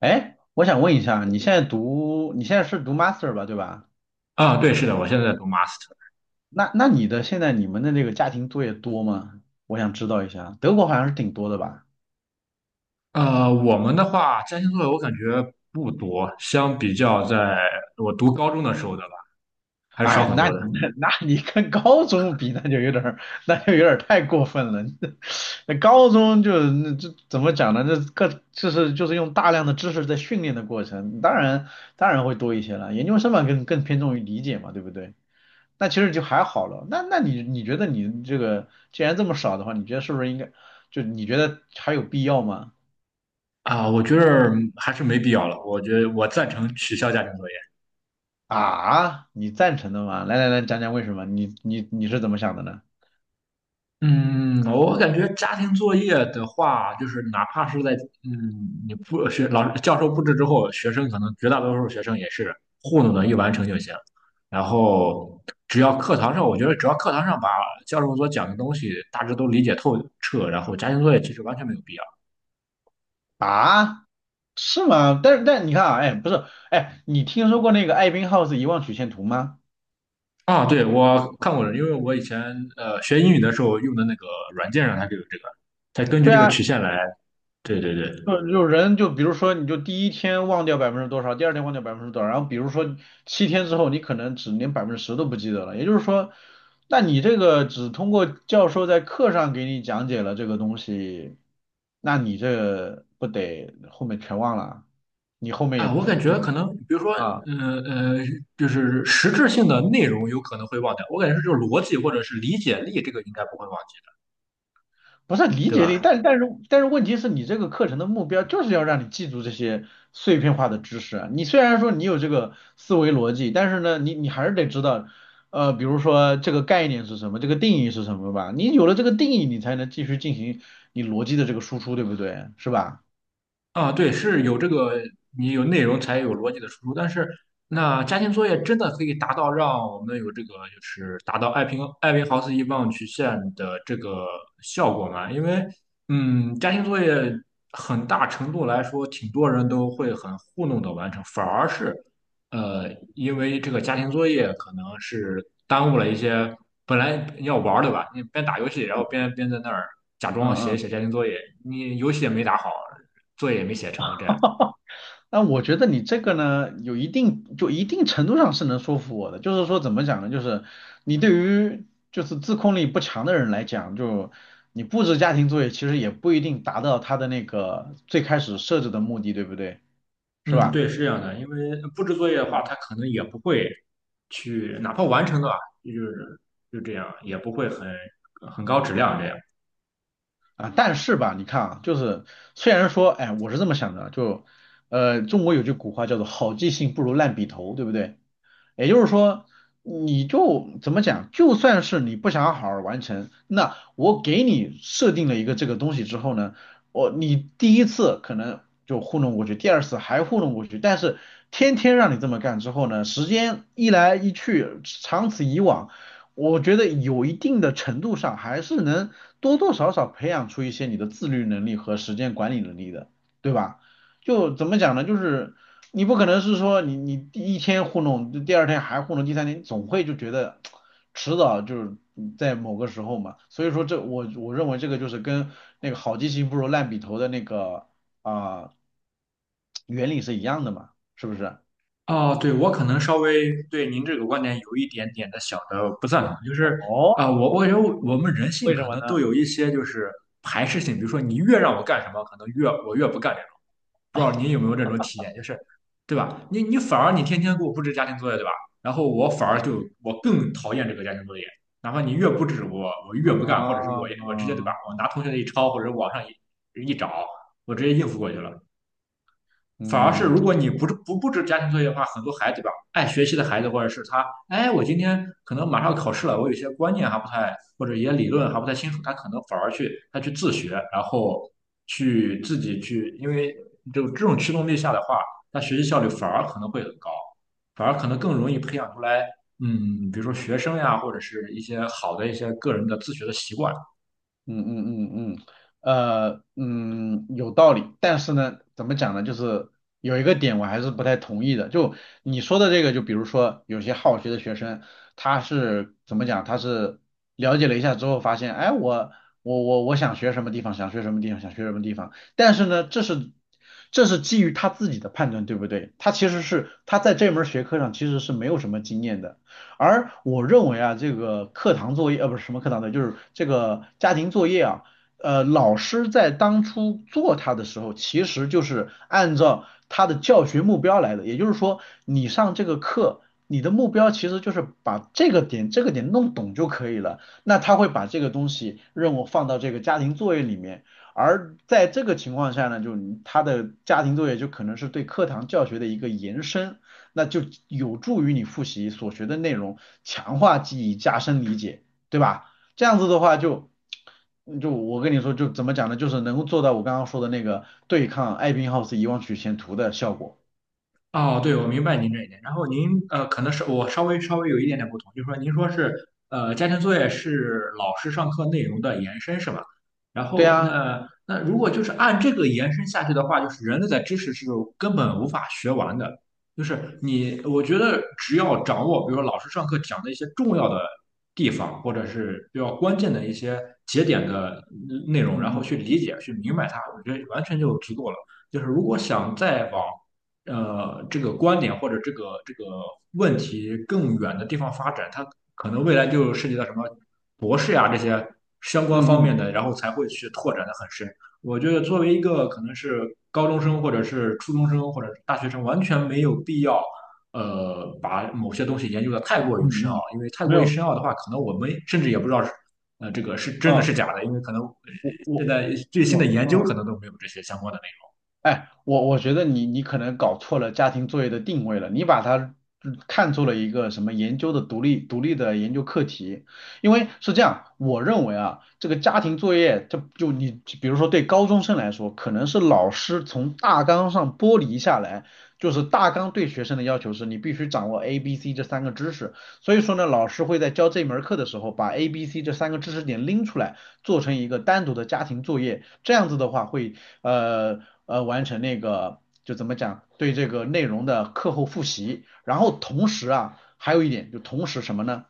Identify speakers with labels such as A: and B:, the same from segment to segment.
A: 哎，我想问一下，你现在是读 master 吧，对吧？
B: 啊，对，是的，我现在在读 master。
A: 那你的现在你们的那个家庭作业多吗？我想知道一下，德国好像是挺多的吧？
B: 我们的话，家庭作业我感觉不多，相比较在我读高中的时候的吧，还是
A: 哎，
B: 少很
A: 那
B: 多
A: 你
B: 的。
A: 那那你跟高中比，那就有点儿太过分了。那高中就那这怎么讲呢？就是用大量的知识在训练的过程，当然会多一些了。研究生嘛，更偏重于理解嘛，对不对？那其实就还好了。那你觉得你这个既然这么少的话，你觉得是不是应该你觉得还有必要吗？
B: 啊，我觉得还是没必要了。我觉得我赞成取消家庭作业。
A: 啊，你赞成的吗？来来来，讲讲为什么？你是怎么想的呢？
B: 嗯，我感觉家庭作业的话，就是哪怕是在嗯你不学老师教授布置之后，学生可能绝大多数学生也是糊弄的一完成就行。然后只要课堂上，我觉得只要课堂上把教授所讲的东西大致都理解透彻，然后家庭作业其实完全没有必要。
A: 啊，是吗？但是但你看啊，哎，不是，哎，你听说过那个艾宾浩斯遗忘曲线图吗？
B: 啊，对，我看过了，因为我以前学英语的时候用的那个软件上它就有这个，它根据
A: 对
B: 这个
A: 啊，
B: 曲线来。对对对。
A: 就人就比如说，你就第一天忘掉百分之多少，第二天忘掉百分之多少，然后比如说七天之后，你可能只连百分之十都不记得了。也就是说，那你这个只通过教授在课上给你讲解了这个东西，那你这不得后面全忘了？你后面也
B: 啊，
A: 不
B: 我感
A: 就
B: 觉可能，比如说，
A: 啊？
B: 嗯呃，就是实质性的内容有可能会忘掉，我感觉是就是逻辑或者是理解力，这个应该不会忘记的，
A: 不是理
B: 对
A: 解力，
B: 吧？
A: 但是但是问题是你这个课程的目标就是要让你记住这些碎片化的知识啊。你虽然说你有这个思维逻辑，但是呢，你还是得知道，比如说这个概念是什么，这个定义是什么吧。你有了这个定义，你才能继续进行你逻辑的这个输出，对不对？是吧？
B: 啊，对，是有这个，你有内容才有逻辑的输出。但是，那家庭作业真的可以达到让我们有这个，就是达到艾宾浩斯遗忘曲线的这个效果吗？因为，嗯，家庭作业很大程度来说，挺多人都会很糊弄的完成，反而是，呃，因为这个家庭作业可能是耽误了一些本来要玩儿的吧，你边打游戏，然后边在那儿假
A: 嗯
B: 装写一
A: 嗯。
B: 写家庭作业，你游戏也没打好。作业也没写成，这样。
A: 那我觉得你这个呢，有一定就一定程度上是能说服我的，就是说怎么讲呢，就是你对于就是自控力不强的人来讲，就你布置家庭作业其实也不一定达到他的那个最开始设置的目的，对不对？是
B: 嗯，
A: 吧？
B: 对，是这样的，因为布置作业的话，
A: 嗯
B: 他可能也不会去，哪怕完成了，就是就这样，也不会很高质量这样。
A: 啊，但是吧，你看啊，就是虽然说，哎，我是这么想的，中国有句古话叫做好记性不如烂笔头，对不对？也就是说，你就怎么讲，就算是你不想好好完成，那我给你设定了一个这个东西之后呢，我你第一次可能就糊弄过去，第二次还糊弄过去，但是天天让你这么干之后呢，时间一来一去，长此以往，我觉得有一定的程度上还是能多多少少培养出一些你的自律能力和时间管理能力的，对吧？就怎么讲呢？就是你不可能是说你第一天糊弄，第二天还糊弄，第三天总会就觉得迟早就是在某个时候嘛。所以说这我认为这个就是跟那个好记性不如烂笔头的那个啊、呃原理是一样的嘛，是不是？
B: 哦，对，我可能稍微对您这个观点有一点点的小的不赞同，就是
A: 哦，
B: 我感觉我们人性
A: 为什
B: 可
A: 么
B: 能
A: 呢？
B: 都有一些就是排斥性，比如说你越让我干什么，可能越我越不干这种。不知道您有没有这种体验，就是对吧？你反而天天给我布置家庭作业，对吧？然后我反而更讨厌这个家庭作业，哪怕你越布置我，我越不干，或者是我直接对吧？
A: 啊，
B: 我拿同学的一抄或者网上一找，我直接应付过去了。反而是
A: 嗯，
B: 如果你不布置家庭作业的话，很多孩子吧，爱学习的孩子或者是他，哎，我今天可能马上要考试了，我有些观念还不太，或者一些理论还不太清楚，他可能反而去自学，然后去自己去，因为就这种驱动力下的话，他学习效率反而可能会很高，反而可能更容易培养出来，嗯，比如说学生呀，或者是一些好的一些个人的自学的习惯。
A: 嗯嗯嗯嗯，有道理，但是呢，怎么讲呢？就是有一个点我还是不太同意的，就你说的这个，就比如说有些好学的学生，他是怎么讲？他是了解了一下之后发现，哎，我想学什么地方，想学什么地方，想学什么地方，但是呢，这是基于他自己的判断，对不对？他其实是他在这门学科上其实是没有什么经验的。而我认为啊，这个课堂作业，呃，不是什么课堂作业，就是这个家庭作业啊，老师在当初做它的时候，其实就是按照他的教学目标来的，也就是说，你上这个课，你的目标其实就是把这个点弄懂就可以了，那他会把这个东西任务放到这个家庭作业里面。而在这个情况下呢，就是他的家庭作业就可能是对课堂教学的一个延伸，那就有助于你复习所学的内容，强化记忆，加深理解，对吧？这样子的话就，就我跟你说，就怎么讲呢？就是能够做到我刚刚说的那个对抗艾宾浩斯遗忘曲线图的效果。
B: 哦，对，我明白您这一点。然后您可能是我稍微有一点点不同，就是说您说是家庭作业是老师上课内容的延伸，是吧？然
A: 对
B: 后
A: 啊，
B: 那如果就是按这个延伸下去的话，就是人类的知识是根本无法学完的。就是你，我觉得只要掌握，比如说老师上课讲的一些重要的地方，或者是比较关键的一些节点的内容，然
A: 嗯
B: 后
A: 嗯
B: 去理解、去明白它，我觉得完全就足够了。就是如果想再往这个观点或者这个问题更远的地方发展，它可能未来就涉及到什么博士呀、这些相关
A: 嗯
B: 方
A: 嗯
B: 面的，然后才会去拓展的很深。我觉得作为一个可能是高中生或者是初中生或者是大学生，完全没有必要。把某些东西研究的太
A: 嗯
B: 过于深奥，
A: 嗯，
B: 因为太
A: 没
B: 过于
A: 有，
B: 深奥的话，可能我们甚至也不知道是，这个是真的
A: 嗯，
B: 是假的，因为可能
A: 我
B: 现
A: 我
B: 在最新的
A: 我
B: 研究
A: 嗯。
B: 可能都没有这些相关的
A: 哎，我觉得你你可能搞错了家庭作业的定位了，你把它嗯看作了一个什么研究的独立的研究课题，因为是这样，我认为啊，这个家庭作业，你比如说对高中生来说，可能是老师从大纲上剥离下来，就是大纲对学生的要求是你必须掌握 A、B、C 这三个知识，所以说呢，老师会在教这门课的时候把 A、B、C 这三个知识点拎出来。做成一个单独的家庭作业，这样子的话会呃完成那个就怎么讲对这个内容的课后复习，然后同时啊还有一点就同时什么呢？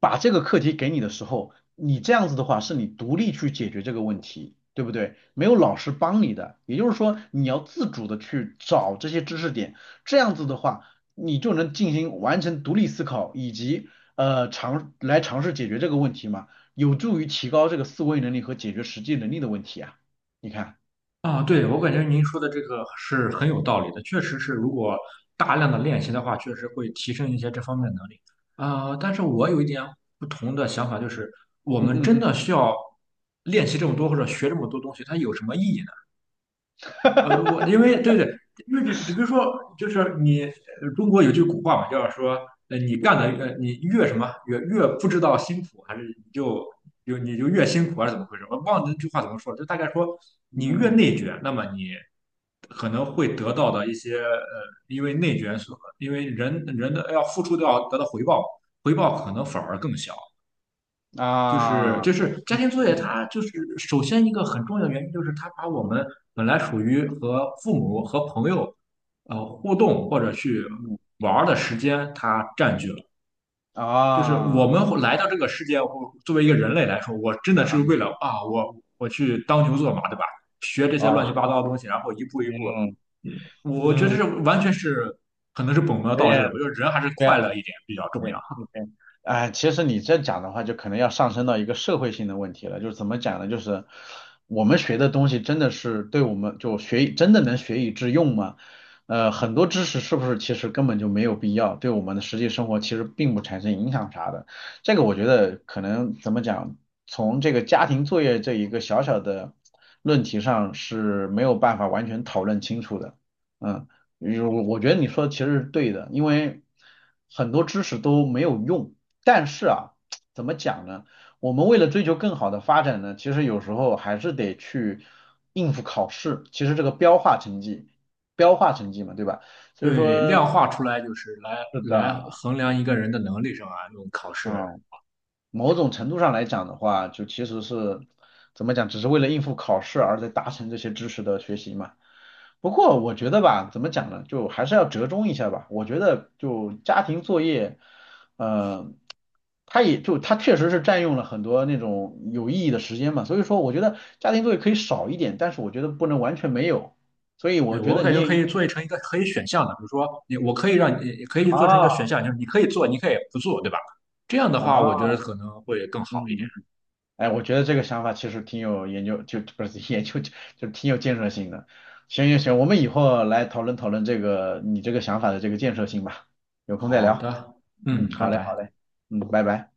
A: 把这个课题给你的时候，你这样子的话是你独立去解决这个问题，对不对？没有老师帮你的，也就是说你要自主的去找这些知识点，这样子的话，你就能进行完成独立思考以及尝试解决这个问题嘛，有助于提高这个思维能力和解决实际能力的问题啊。你看，
B: 啊，对，我感觉您说的这个是很有道理的，确实是，如果大量的练习的话，确实会提升一些这方面的能力。但是我有一点不同的想法，就是我
A: 嗯
B: 们真
A: 嗯
B: 的需要练习这么多或者学这么多东西，它有什么意义呢？呃，我因为对对，因为只比如说，就是你中国有句古话嘛，就叫说，呃，你干的呃，你越什么越不知道辛苦，还是你就就越辛苦，还是怎么回事？我忘了那句话怎么说了就大概说，
A: 嗯
B: 你越
A: 嗯嗯
B: 内卷，那么你可能会得到的一些因为内卷，因为人的要付出都要得到回报，回报可能反而更小。
A: 嗯
B: 就是
A: 啊，
B: 就是家
A: 嗯
B: 庭作业，
A: 嗯
B: 它就是首先一个很重要的原因，就是它把我们本来属于和父母和朋友互动或者去
A: 嗯嗯
B: 玩儿的时间，它占据了。就是我
A: 啊。
B: 们会来到这个世界，我作为一个人类来说，我真
A: 啊
B: 的是为
A: 啊
B: 了啊，我去当牛做马，对吧？学这些
A: 啊，
B: 乱七八糟的东西，然后一步一步，
A: 嗯
B: 嗯，我觉得
A: 嗯，
B: 这完全是可能是本末
A: 有
B: 倒置
A: 点，
B: 的。我觉得人还是
A: 对
B: 快乐一点比较重要。
A: 对，OK,哎，其实你这讲的话，就可能要上升到一个社会性的问题了。就是怎么讲呢？就是我们学的东西真的是对我们就学以真的能学以致用吗？呃，很多知识是不是其实根本就没有必要，对我们的实际生活其实并不产生影响啥的。这个我觉得可能怎么讲，从这个家庭作业这一个小小的论题上是没有办法完全讨论清楚的。嗯。嗯，我觉得你说的其实是对的，因为很多知识都没有用。但是啊，怎么讲呢？我们为了追求更好的发展呢，其实有时候还是得去应付考试。其实这个标化成绩，标化成绩嘛，对吧？所以
B: 对，
A: 说，
B: 量化出来就是来
A: 是的，
B: 来衡量一个
A: 嗯
B: 人的能力上啊，用考试。
A: 啊。某种程度上来讲的话，就其实是怎么讲，只是为了应付考试而在达成这些知识的学习嘛。不过我觉得吧，怎么讲呢，就还是要折中一下吧。我觉得就家庭作业，呃，它也就它确实是占用了很多那种有意义的时间嘛。所以说，我觉得家庭作业可以少一点，但是我觉得不能完全没有。所以
B: 对，
A: 我觉
B: 我
A: 得
B: 感
A: 你
B: 觉
A: 也
B: 可
A: 应
B: 以
A: 该
B: 做成一个可以选项的，比如说你，我可以让你可以做成一
A: 啊
B: 个选项，就是你可以做，你可以不做，对吧？这样的话，我觉
A: 啊，
B: 得可能会更好一点。
A: 嗯。哎，我觉得这个想法其实挺有研究，就不是 研究，就挺有建设性的。行行行，我们以后来讨论讨论这个你这个想法的这个建设性吧，有空再
B: 好
A: 聊。
B: 的，
A: 嗯，
B: 嗯，拜
A: 好嘞好
B: 拜。
A: 嘞，嗯，拜拜。